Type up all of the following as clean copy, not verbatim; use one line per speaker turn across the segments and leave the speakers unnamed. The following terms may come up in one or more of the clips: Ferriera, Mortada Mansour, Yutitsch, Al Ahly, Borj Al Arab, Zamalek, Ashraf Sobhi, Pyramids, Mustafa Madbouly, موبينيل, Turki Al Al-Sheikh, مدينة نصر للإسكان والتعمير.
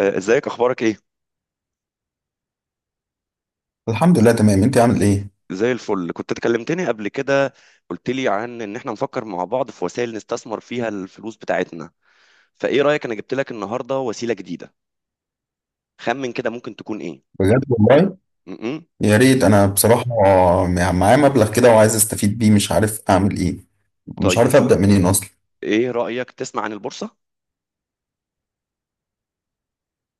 آه، ازيك؟ اخبارك ايه؟
الحمد لله تمام، انت عامل ايه؟
زي الفل. كنت اتكلمتني قبل كده، قلت لي عن ان احنا نفكر مع بعض في وسائل نستثمر فيها الفلوس بتاعتنا. فايه رايك، انا جبت لك النهارده وسيله جديده. خمن كده، ممكن تكون ايه؟
بجد والله؟
م-م.
يا ريت. انا بصراحه معايا مبلغ كده وعايز استفيد بيه، مش عارف اعمل ايه. مش
طيب،
عارف ابدا منين اصلا.
ايه رايك تسمع عن البورصه؟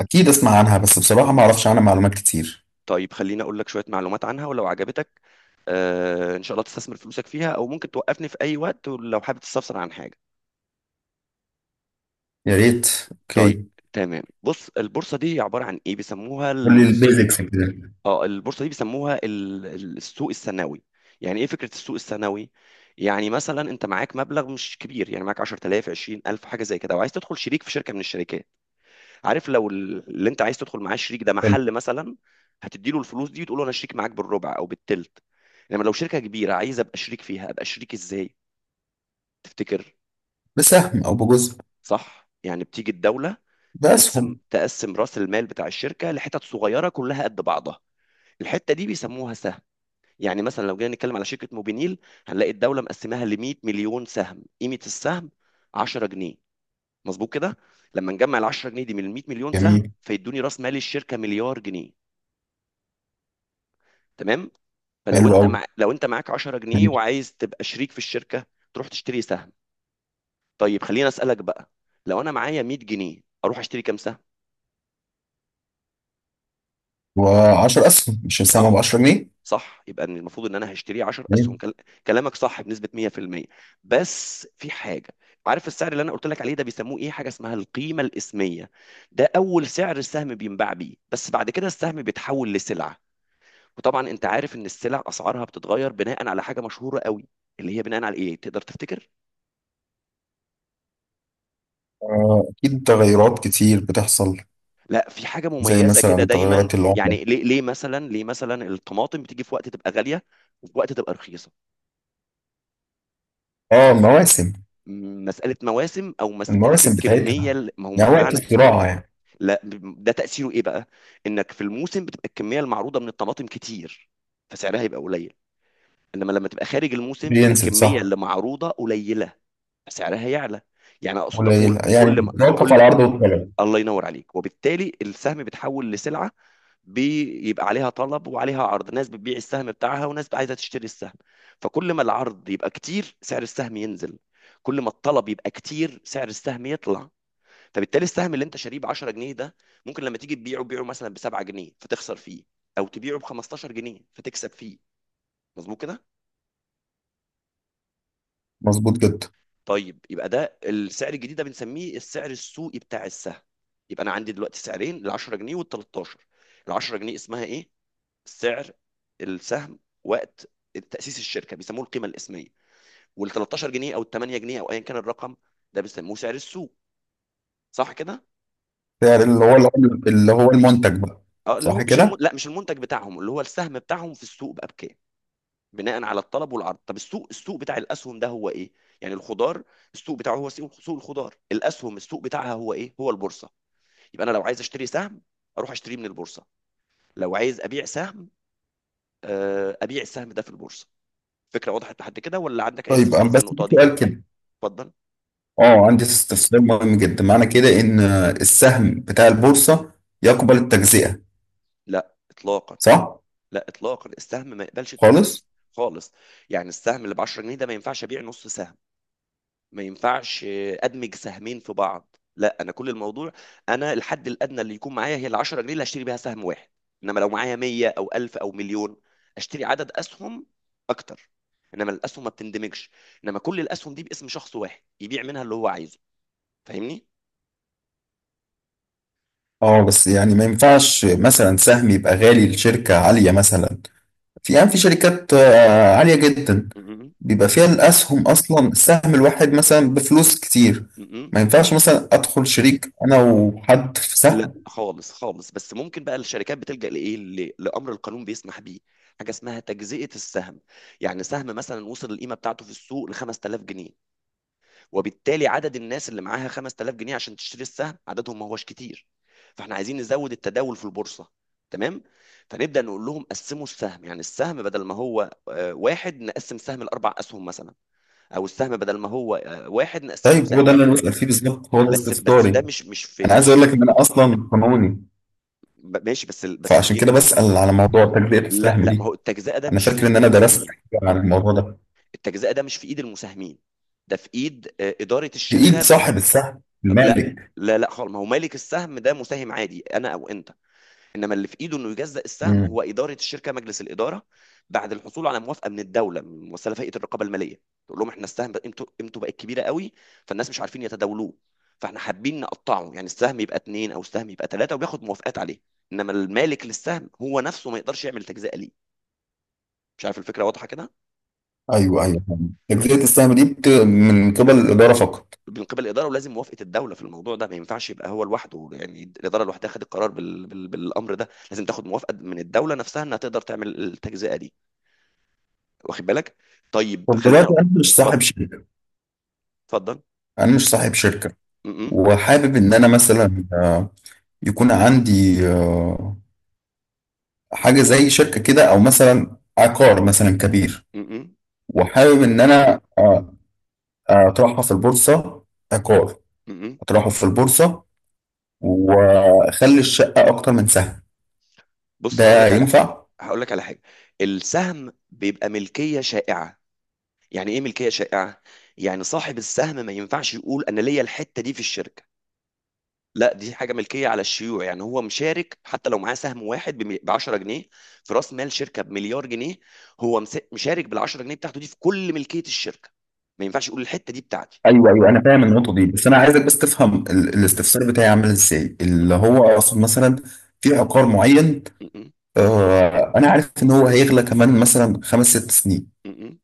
اكيد اسمع عنها، بس بصراحه ما اعرفش عنها معلومات كتير.
طيب، خليني اقول لك شويه معلومات عنها، ولو عجبتك آه ان شاء الله تستثمر فلوسك فيها، او ممكن توقفني في اي وقت لو حابب تستفسر عن حاجه.
يا ريت.
طيب.
اوكي.
تمام، بص، البورصه دي عباره عن ايه بيسموها.
قول لي البيزكس كده.
اه البورصه دي بيسموها السوق الثانوي. يعني ايه فكره السوق الثانوي؟ يعني مثلا انت معاك مبلغ مش كبير، يعني معاك 10,000 20,000 حاجه زي كده، وعايز تدخل شريك في شركه من الشركات. عارف لو اللي انت عايز تدخل معاه شريك ده
حلو.
محل مثلا، هتدي له الفلوس دي وتقول له انا شريك معاك بالربع او بالتلت. انما لو شركه كبيره عايز ابقى شريك فيها، ابقى شريك ازاي؟ تفتكر؟
بسهم او بجزء.
صح، يعني بتيجي الدوله تقسم
باسهم.
تقسم راس المال بتاع الشركه لحتت صغيره كلها قد بعضها. الحته دي بيسموها سهم. يعني مثلا لو جينا نتكلم على شركة موبينيل، هنلاقي الدولة مقسماها ل 100 مليون سهم، قيمة السهم 10 جنيه. مظبوط كده؟ لما نجمع ال 10 جنيه دي من ال 100 مليون سهم
جميل.
فيدوني راس مال الشركة مليار جنيه. تمام. فلو
حلو
انت
قوي.
لو انت معاك 10 جنيه
ماشي.
وعايز تبقى شريك في الشركة، تروح تشتري سهم. طيب خليني اسألك بقى، لو انا معايا 100 جنيه اروح اشتري كام سهم؟
و10 اسهم، مش السهم ب
صح.
10 جنيه؟
صح، يبقى إن المفروض ان انا هشتريه 10 اسهم
جميل.
كلامك صح بنسبه 100%. بس في حاجه، عارف السعر اللي انا قلت لك عليه ده بيسموه ايه؟ حاجه اسمها القيمه الاسميه. ده اول سعر السهم بينباع بيه، بس بعد كده السهم بيتحول لسلعه. وطبعا انت عارف ان السلع اسعارها بتتغير بناء على حاجه مشهوره قوي، اللي هي بناء على ايه؟ تقدر تفتكر؟
اكيد تغيرات كتير بتحصل.
لا، في حاجه
زي
مميزه كده
مثلا
دايما،
تغيرات العمله.
يعني ليه مثلا الطماطم بتيجي في وقت تبقى غاليه، وفي وقت تبقى رخيصه؟
اه، مواسم.
مسألة مواسم، أو مسألة
المواسم
الكمية
بتاعتها،
ما هو
يعني وقت
معنى،
الزراعة يعني.
لا، ده تأثيره ايه بقى؟ انك في الموسم بتبقى الكمية المعروضة من الطماطم كتير، فسعرها يبقى قليل. انما لما تبقى خارج الموسم بيبقى
بينزل،
الكمية
صح.
اللي معروضة قليلة، فسعرها يعلى. يعني اقصد
قليل،
اقول
يعني
كل ما
بيتوقف
كل
على العرض والطلب.
الله ينور عليك. وبالتالي السهم بيتحول لسلعة، بيبقى عليها طلب وعليها عرض، ناس بتبيع السهم بتاعها وناس عايزة تشتري السهم. فكل ما العرض يبقى كتير سعر السهم ينزل، كل ما الطلب يبقى كتير سعر السهم يطلع. فبالتالي السهم اللي انت شاريه ب 10 جنيه ده، ممكن لما تيجي تبيعه تبيعه مثلا ب 7 جنيه فتخسر فيه، او تبيعه ب 15 جنيه فتكسب فيه. مظبوط كده؟
مظبوط جدا.
طيب، يبقى ده السعر الجديد ده بنسميه السعر السوقي بتاع السهم. يبقى انا عندي دلوقتي سعرين، ال 10 جنيه وال 13. ال 10 جنيه اسمها ايه؟ سعر السهم وقت تأسيس الشركة، بيسموه القيمة الاسمية. وال 13 جنيه او ال 8 جنيه او ايا كان الرقم، ده بيسموه سعر السوق. صح كده؟
سعر، اللي هو المنتج بقى.
اه، اللي هو
صح
مش
كده؟
لا، مش المنتج بتاعهم، اللي هو السهم بتاعهم في السوق بقى بكام، بناء على الطلب والعرض. طب السوق، السوق بتاع الاسهم ده هو ايه؟ يعني الخضار السوق بتاعه هو سوق الخضار، الاسهم السوق بتاعها هو ايه؟ هو البورصه. يبقى انا لو عايز اشتري سهم اروح اشتريه من البورصه، لو عايز ابيع سهم ابيع السهم ده في البورصه. فكره وضحت لحد كده؟ ولا عندك اي
طيب،
استفسارات في
بس في
النقطه دي؟
سؤال كده.
اتفضل.
اه، عندي استفسار مهم جدا. معنى كده ان السهم بتاع البورصة يقبل التجزئة؟
لا اطلاقا.
صح؟
لا اطلاقا، السهم ما يقبلش التجزئه.
خالص؟
خالص. يعني السهم اللي ب 10 جنيه ده ما ينفعش ابيع نص سهم، ما ينفعش ادمج سهمين في بعض، لا، انا كل الموضوع انا الحد الادنى اللي يكون معايا هي ال 10 جنيه اللي هشتري بيها سهم واحد. انما لو معايا 100 او 1000 او مليون اشتري عدد اسهم اكتر. انما الاسهم ما بتندمجش، انما كل الاسهم دي باسم شخص واحد يبيع منها اللي هو عايزه. فاهمني؟
اه بس يعني ما ينفعش مثلا سهم يبقى غالي لشركة عالية مثلا. في يعني في شركات عالية جدا،
م-م.
بيبقى فيها الأسهم، أصلا السهم الواحد مثلا بفلوس كتير.
م-م.
ما ينفعش مثلا أدخل شريك أنا وحد في
لا
سهم.
خالص خالص. بس ممكن بقى الشركات بتلجأ لايه، لامر القانون بيسمح بيه، حاجه اسمها تجزئه السهم. يعني سهم مثلا وصل القيمه بتاعته في السوق ل 5000 جنيه، وبالتالي عدد الناس اللي معاها 5000 جنيه عشان تشتري السهم عددهم ما هوش كتير، فاحنا عايزين نزود التداول في البورصة. تمام. فنبدأ نقول لهم قسموا السهم. يعني السهم بدل ما هو واحد نقسم سهم لأربع أسهم مثلا، أو السهم بدل ما هو واحد نقسمه
طيب، هو ده
لسهمين.
اللي أنا بسأل فيه بالظبط، هو ده
بس ده
استفساري.
مش في
أنا عايز
مش
أقول
في.
لك إن أنا أصلا قانوني،
ماشي، بس بس
فعشان
خلينا.
كده بسأل على موضوع تجزئة
لا
السهم
لا، ما
دي.
هو التجزئة ده
أنا
مش في
فاكر إن
إيد
أنا درست
المساهمين.
حاجة عن الموضوع ده.
التجزئة ده مش في إيد المساهمين، ده في إيد إدارة
بإيد
الشركة.
صاحب السهم،
لا.
المالك.
لا خالص. ما هو مالك السهم ده مساهم عادي، أنا أو أنت. انما اللي في ايده انه يجزأ السهم
مم.
هو اداره الشركه، مجلس الاداره، بعد الحصول على موافقه من الدوله، من مؤسسه فئه الرقابه الماليه. تقول لهم احنا السهم قيمته بقت كبيره قوي، فالناس مش عارفين يتداولوه، فاحنا حابين نقطعه، يعني السهم يبقى اتنين او السهم يبقى ثلاثه، وبياخد موافقات عليه. انما المالك للسهم هو نفسه ما يقدرش يعمل تجزئه ليه. مش عارف الفكره واضحه كده؟
أيوه أيوه، فاهم. تجزئة السهم دي من قبل الإدارة فقط.
من قبل الاداره، ولازم موافقه الدوله في الموضوع ده، ما ينفعش يبقى هو لوحده، يعني الاداره لوحدها خدت القرار بالامر ده، لازم تاخد موافقه من الدوله نفسها انها تقدر تعمل التجزئه دي. واخد بالك؟ طيب
طب
خلينا.
دلوقتي أنا مش
اتفضل.
صاحب شركة.
اتفضل.
أنا مش صاحب شركة،
م-م.
وحابب ان انا مثلا يكون عندي حاجه زي شركه كده، او مثلا عقار مثلا كبير.
م-م.
وحابب ان انا اطرحها في البورصه. عقار
م-م.
اطرحه في البورصه، واخلي الشقه اكتر من سهم.
بص هقول
ده
لك على حاجه.
ينفع؟
هقول لك على حاجه، السهم بيبقى ملكيه شائعه. يعني ايه ملكيه شائعه؟ يعني صاحب السهم ما ينفعش يقول انا ليا الحته دي في الشركه، لا، دي حاجه ملكيه على الشيوع. يعني هو مشارك حتى لو معاه سهم واحد ب 10 جنيه في راس مال شركه بمليار جنيه، هو مشارك بال 10 جنيه بتاعته دي في كل ملكيه الشركه، ما ينفعش يقول الحته دي بتاعتي.
ايوه ايوه، انا فاهم النقطه دي، بس انا عايزك بس تفهم الاستفسار بتاعي عامل ازاي. اللي هو اقصد مثلا في عقار معين،
م-م.
انا عارف ان هو هيغلى كمان مثلا 5 6 سنين،
م-م.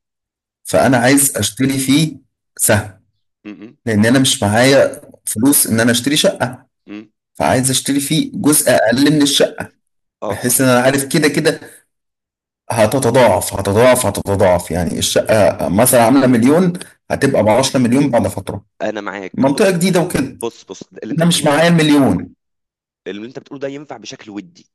فانا عايز اشتري فيه سهم.
م-م.
لان انا مش معايا فلوس ان انا اشتري شقه،
م-م.
فعايز اشتري فيه جزء اقل من الشقه.
اه
بحيث ان
صحيح.
انا عارف كده كده هتتضاعف. يعني الشقه مثلا عامله مليون، هتبقى ب 10 مليون بعد فتره،
انا معاك.
منطقه
بص.
جديده وكده.
بص اللي انت
انا مش
بتقوله ده،
معايا مليون.
اللي انت بتقوله ده ينفع بشكل ودي.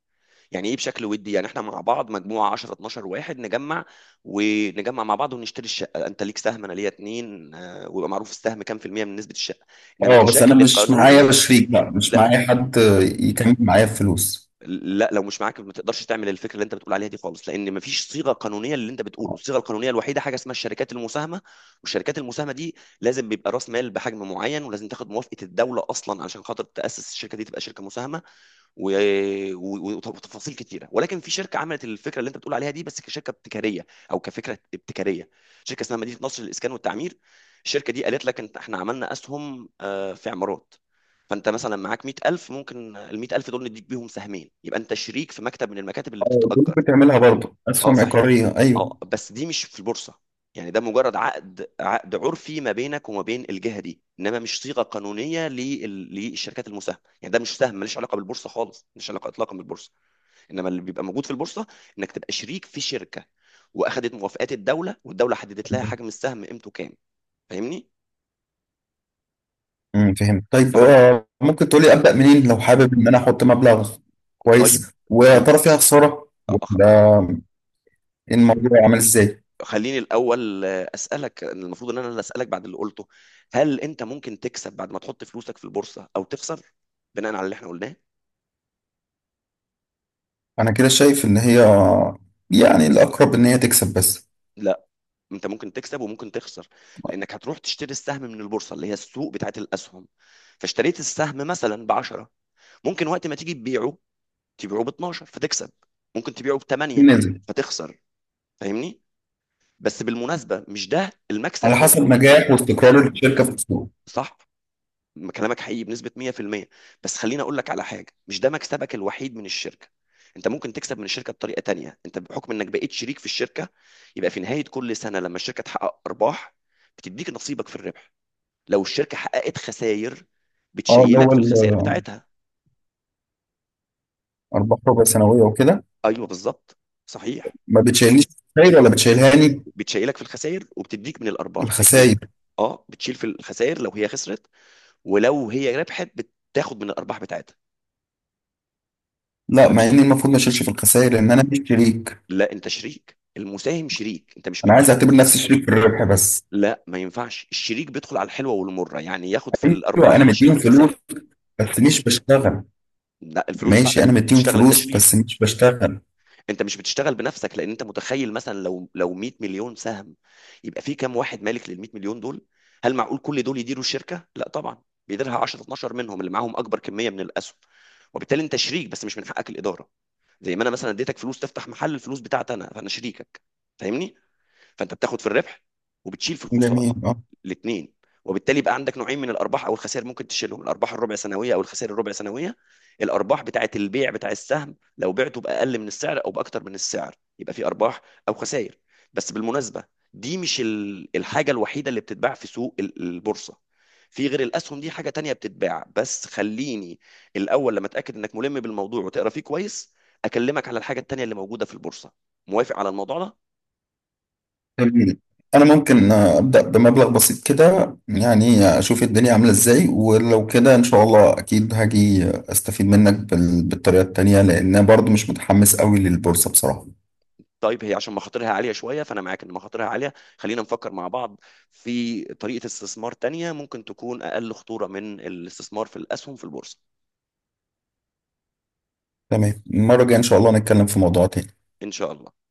يعني ايه بشكل ودي؟ يعني احنا مع بعض مجموعه 10 12 واحد نجمع ونجمع مع بعض ونشتري الشقه، انت ليك سهم انا ليا اتنين ويبقى معروف السهم كام في المية من نسبه الشقه. انما
اه بس انا
كشكل
مش معايا
قانوني،
شريك بقى، مش
لا.
معايا حد يكمل معايا الفلوس.
لا، لو مش معاك ما تقدرش تعمل الفكره اللي انت بتقول عليها دي خالص، لان ما فيش صيغه قانونيه اللي انت بتقوله. الصيغه القانونيه الوحيده حاجه اسمها الشركات المساهمه. والشركات المساهمه دي لازم بيبقى راس مال بحجم معين، ولازم تاخد موافقه الدوله اصلا علشان خاطر تاسس الشركه دي تبقى شركه مساهمه، وتفاصيل كتيره. ولكن في شركه عملت الفكره اللي انت بتقول عليها دي، بس كشركه ابتكاريه او كفكره ابتكاريه، شركه اسمها مدينه نصر للاسكان والتعمير. الشركه دي قالت لك انت احنا عملنا اسهم في عمارات، فانت مثلا معاك 100,000 ممكن ال 100,000 دول نديك بيهم سهمين يبقى انت شريك في مكتب من المكاتب اللي
اه، دول
بتتأجر.
بتعملها برضه
اه
اسهم
صحيح.
عقاريه، ايوه.
اه بس دي مش في البورصه، يعني ده مجرد عقد عرفي ما بينك وما بين الجهه دي، انما مش صيغه قانونيه للشركات المساهمه. يعني ده مش سهم، ملوش علاقه بالبورصه خالص، ملوش علاقه اطلاقا بالبورصه. انما اللي بيبقى موجود في البورصه انك تبقى شريك في شركه واخدت موافقات الدوله، والدوله حددت لها حجم السهم قيمته كام. فاهمني؟
امم، فهمت. طيب
طب.
ممكن تقولي ابدا منين لو حابب ان انا احط مبلغ
طيب
كويس؟ ويا
خلي
ترى فيها خساره
أخ-
ولا؟ إيه الموضوع عامل ازاي؟
خليني الاول اسالك، المفروض ان انا اللي اسالك بعد اللي قلته، هل انت ممكن تكسب بعد ما تحط فلوسك في البورصه او تخسر بناء على اللي احنا قلناه؟
انا كده شايف ان هي، يعني الاقرب ان هي تكسب بس.
انت ممكن تكسب وممكن تخسر، لانك هتروح تشتري السهم من البورصه اللي هي السوق بتاعت الاسهم. فاشتريت السهم مثلا ب 10، ممكن وقت ما تيجي تبيعه تبيعه ب 12 فتكسب، ممكن تبيعه ب 8
نازل.
فتخسر. فاهمني؟ بس بالمناسبه مش ده المكسب
على
او
حسب
الخسارة.
نجاح واستقرار الشركه في السوق.
صح، كلامك حقيقي بنسبه 100%. بس خليني اقول لك على حاجه، مش ده مكسبك الوحيد من الشركه. انت ممكن تكسب من الشركه بطريقه تانية، انت بحكم انك بقيت شريك في الشركه، يبقى في نهايه كل سنه لما الشركه تحقق ارباح بتديك نصيبك في الربح، لو الشركة حققت خسائر
اه، اللي
بتشيلك
هو
في الخسائر بتاعتها.
ارباح ربع سنويه وكده.
ايوه بالظبط. صحيح.
ما بتشيلنيش خسائر ولا بتشيلهاني؟
بتشيلك في الخسائر وبتديك من الارباح الاثنين.
الخسائر.
اه بتشيل في الخسائر لو هي خسرت، ولو هي ربحت بتاخد من الارباح بتاعتها.
لا،
انا
مع
مش.
اني المفروض ما اشيلش في الخسائر لان انا مش شريك.
لا، انت شريك، المساهم شريك، انت مش
انا عايز
مديهم.
اعتبر نفسي شريك في الربح بس.
لا ما ينفعش، الشريك بيدخل على الحلوه والمره، يعني ياخد في
ايوه
الارباح
انا
ويشيل
مديهم
في
فلوس
الخسائر.
بس مش بشتغل.
لا، الفلوس
ماشي،
بتاعتك
انا مديهم
بتشتغل، انت
فلوس
شريك.
بس مش بشتغل.
انت مش بتشتغل بنفسك، لان انت متخيل مثلا لو 100 مليون سهم، يبقى في كام واحد مالك لل 100 مليون دول؟ هل معقول كل دول يديروا الشركه؟ لا طبعا، بيديرها 10 12 منهم اللي معاهم اكبر كميه من الاسهم. وبالتالي انت شريك بس مش من حقك الاداره. زي ما انا مثلا اديتك فلوس تفتح محل، الفلوس بتاعتي انا فانا شريكك. فاهمني؟ فانت بتاخد في الربح وبتشيل في الخساره،
جميل، اه.
الاثنين. وبالتالي يبقى عندك نوعين من الارباح او الخسائر ممكن تشيلهم، الارباح الربع سنويه او الخسائر الربع سنويه، الارباح بتاعه البيع بتاع السهم لو بعته باقل من السعر او باكتر من السعر يبقى في ارباح او خسائر. بس بالمناسبه، دي مش الحاجه الوحيده اللي بتتباع في سوق البورصه، في غير الاسهم دي حاجه تانية بتتباع، بس خليني الاول لما اتاكد انك ملم بالموضوع وتقرا فيه كويس اكلمك على الحاجه التانية اللي موجوده في البورصه. موافق على الموضوع ده؟
جميل. انا ممكن ابدا بمبلغ بسيط كده، يعني اشوف الدنيا عامله ازاي، ولو كده ان شاء الله اكيد هاجي استفيد منك بالطريقه التانيه. لان أنا برضو مش متحمس قوي للبورصه بصراحه.
طيب، هي عشان مخاطرها عالية شوية، فأنا معاك إن مخاطرها عالية، خلينا نفكر مع بعض في طريقة استثمار تانية ممكن تكون أقل خطورة من الاستثمار في الأسهم في البورصة.
تمام، المره الجايه ان شاء الله نتكلم في موضوع تاني.
إن شاء الله.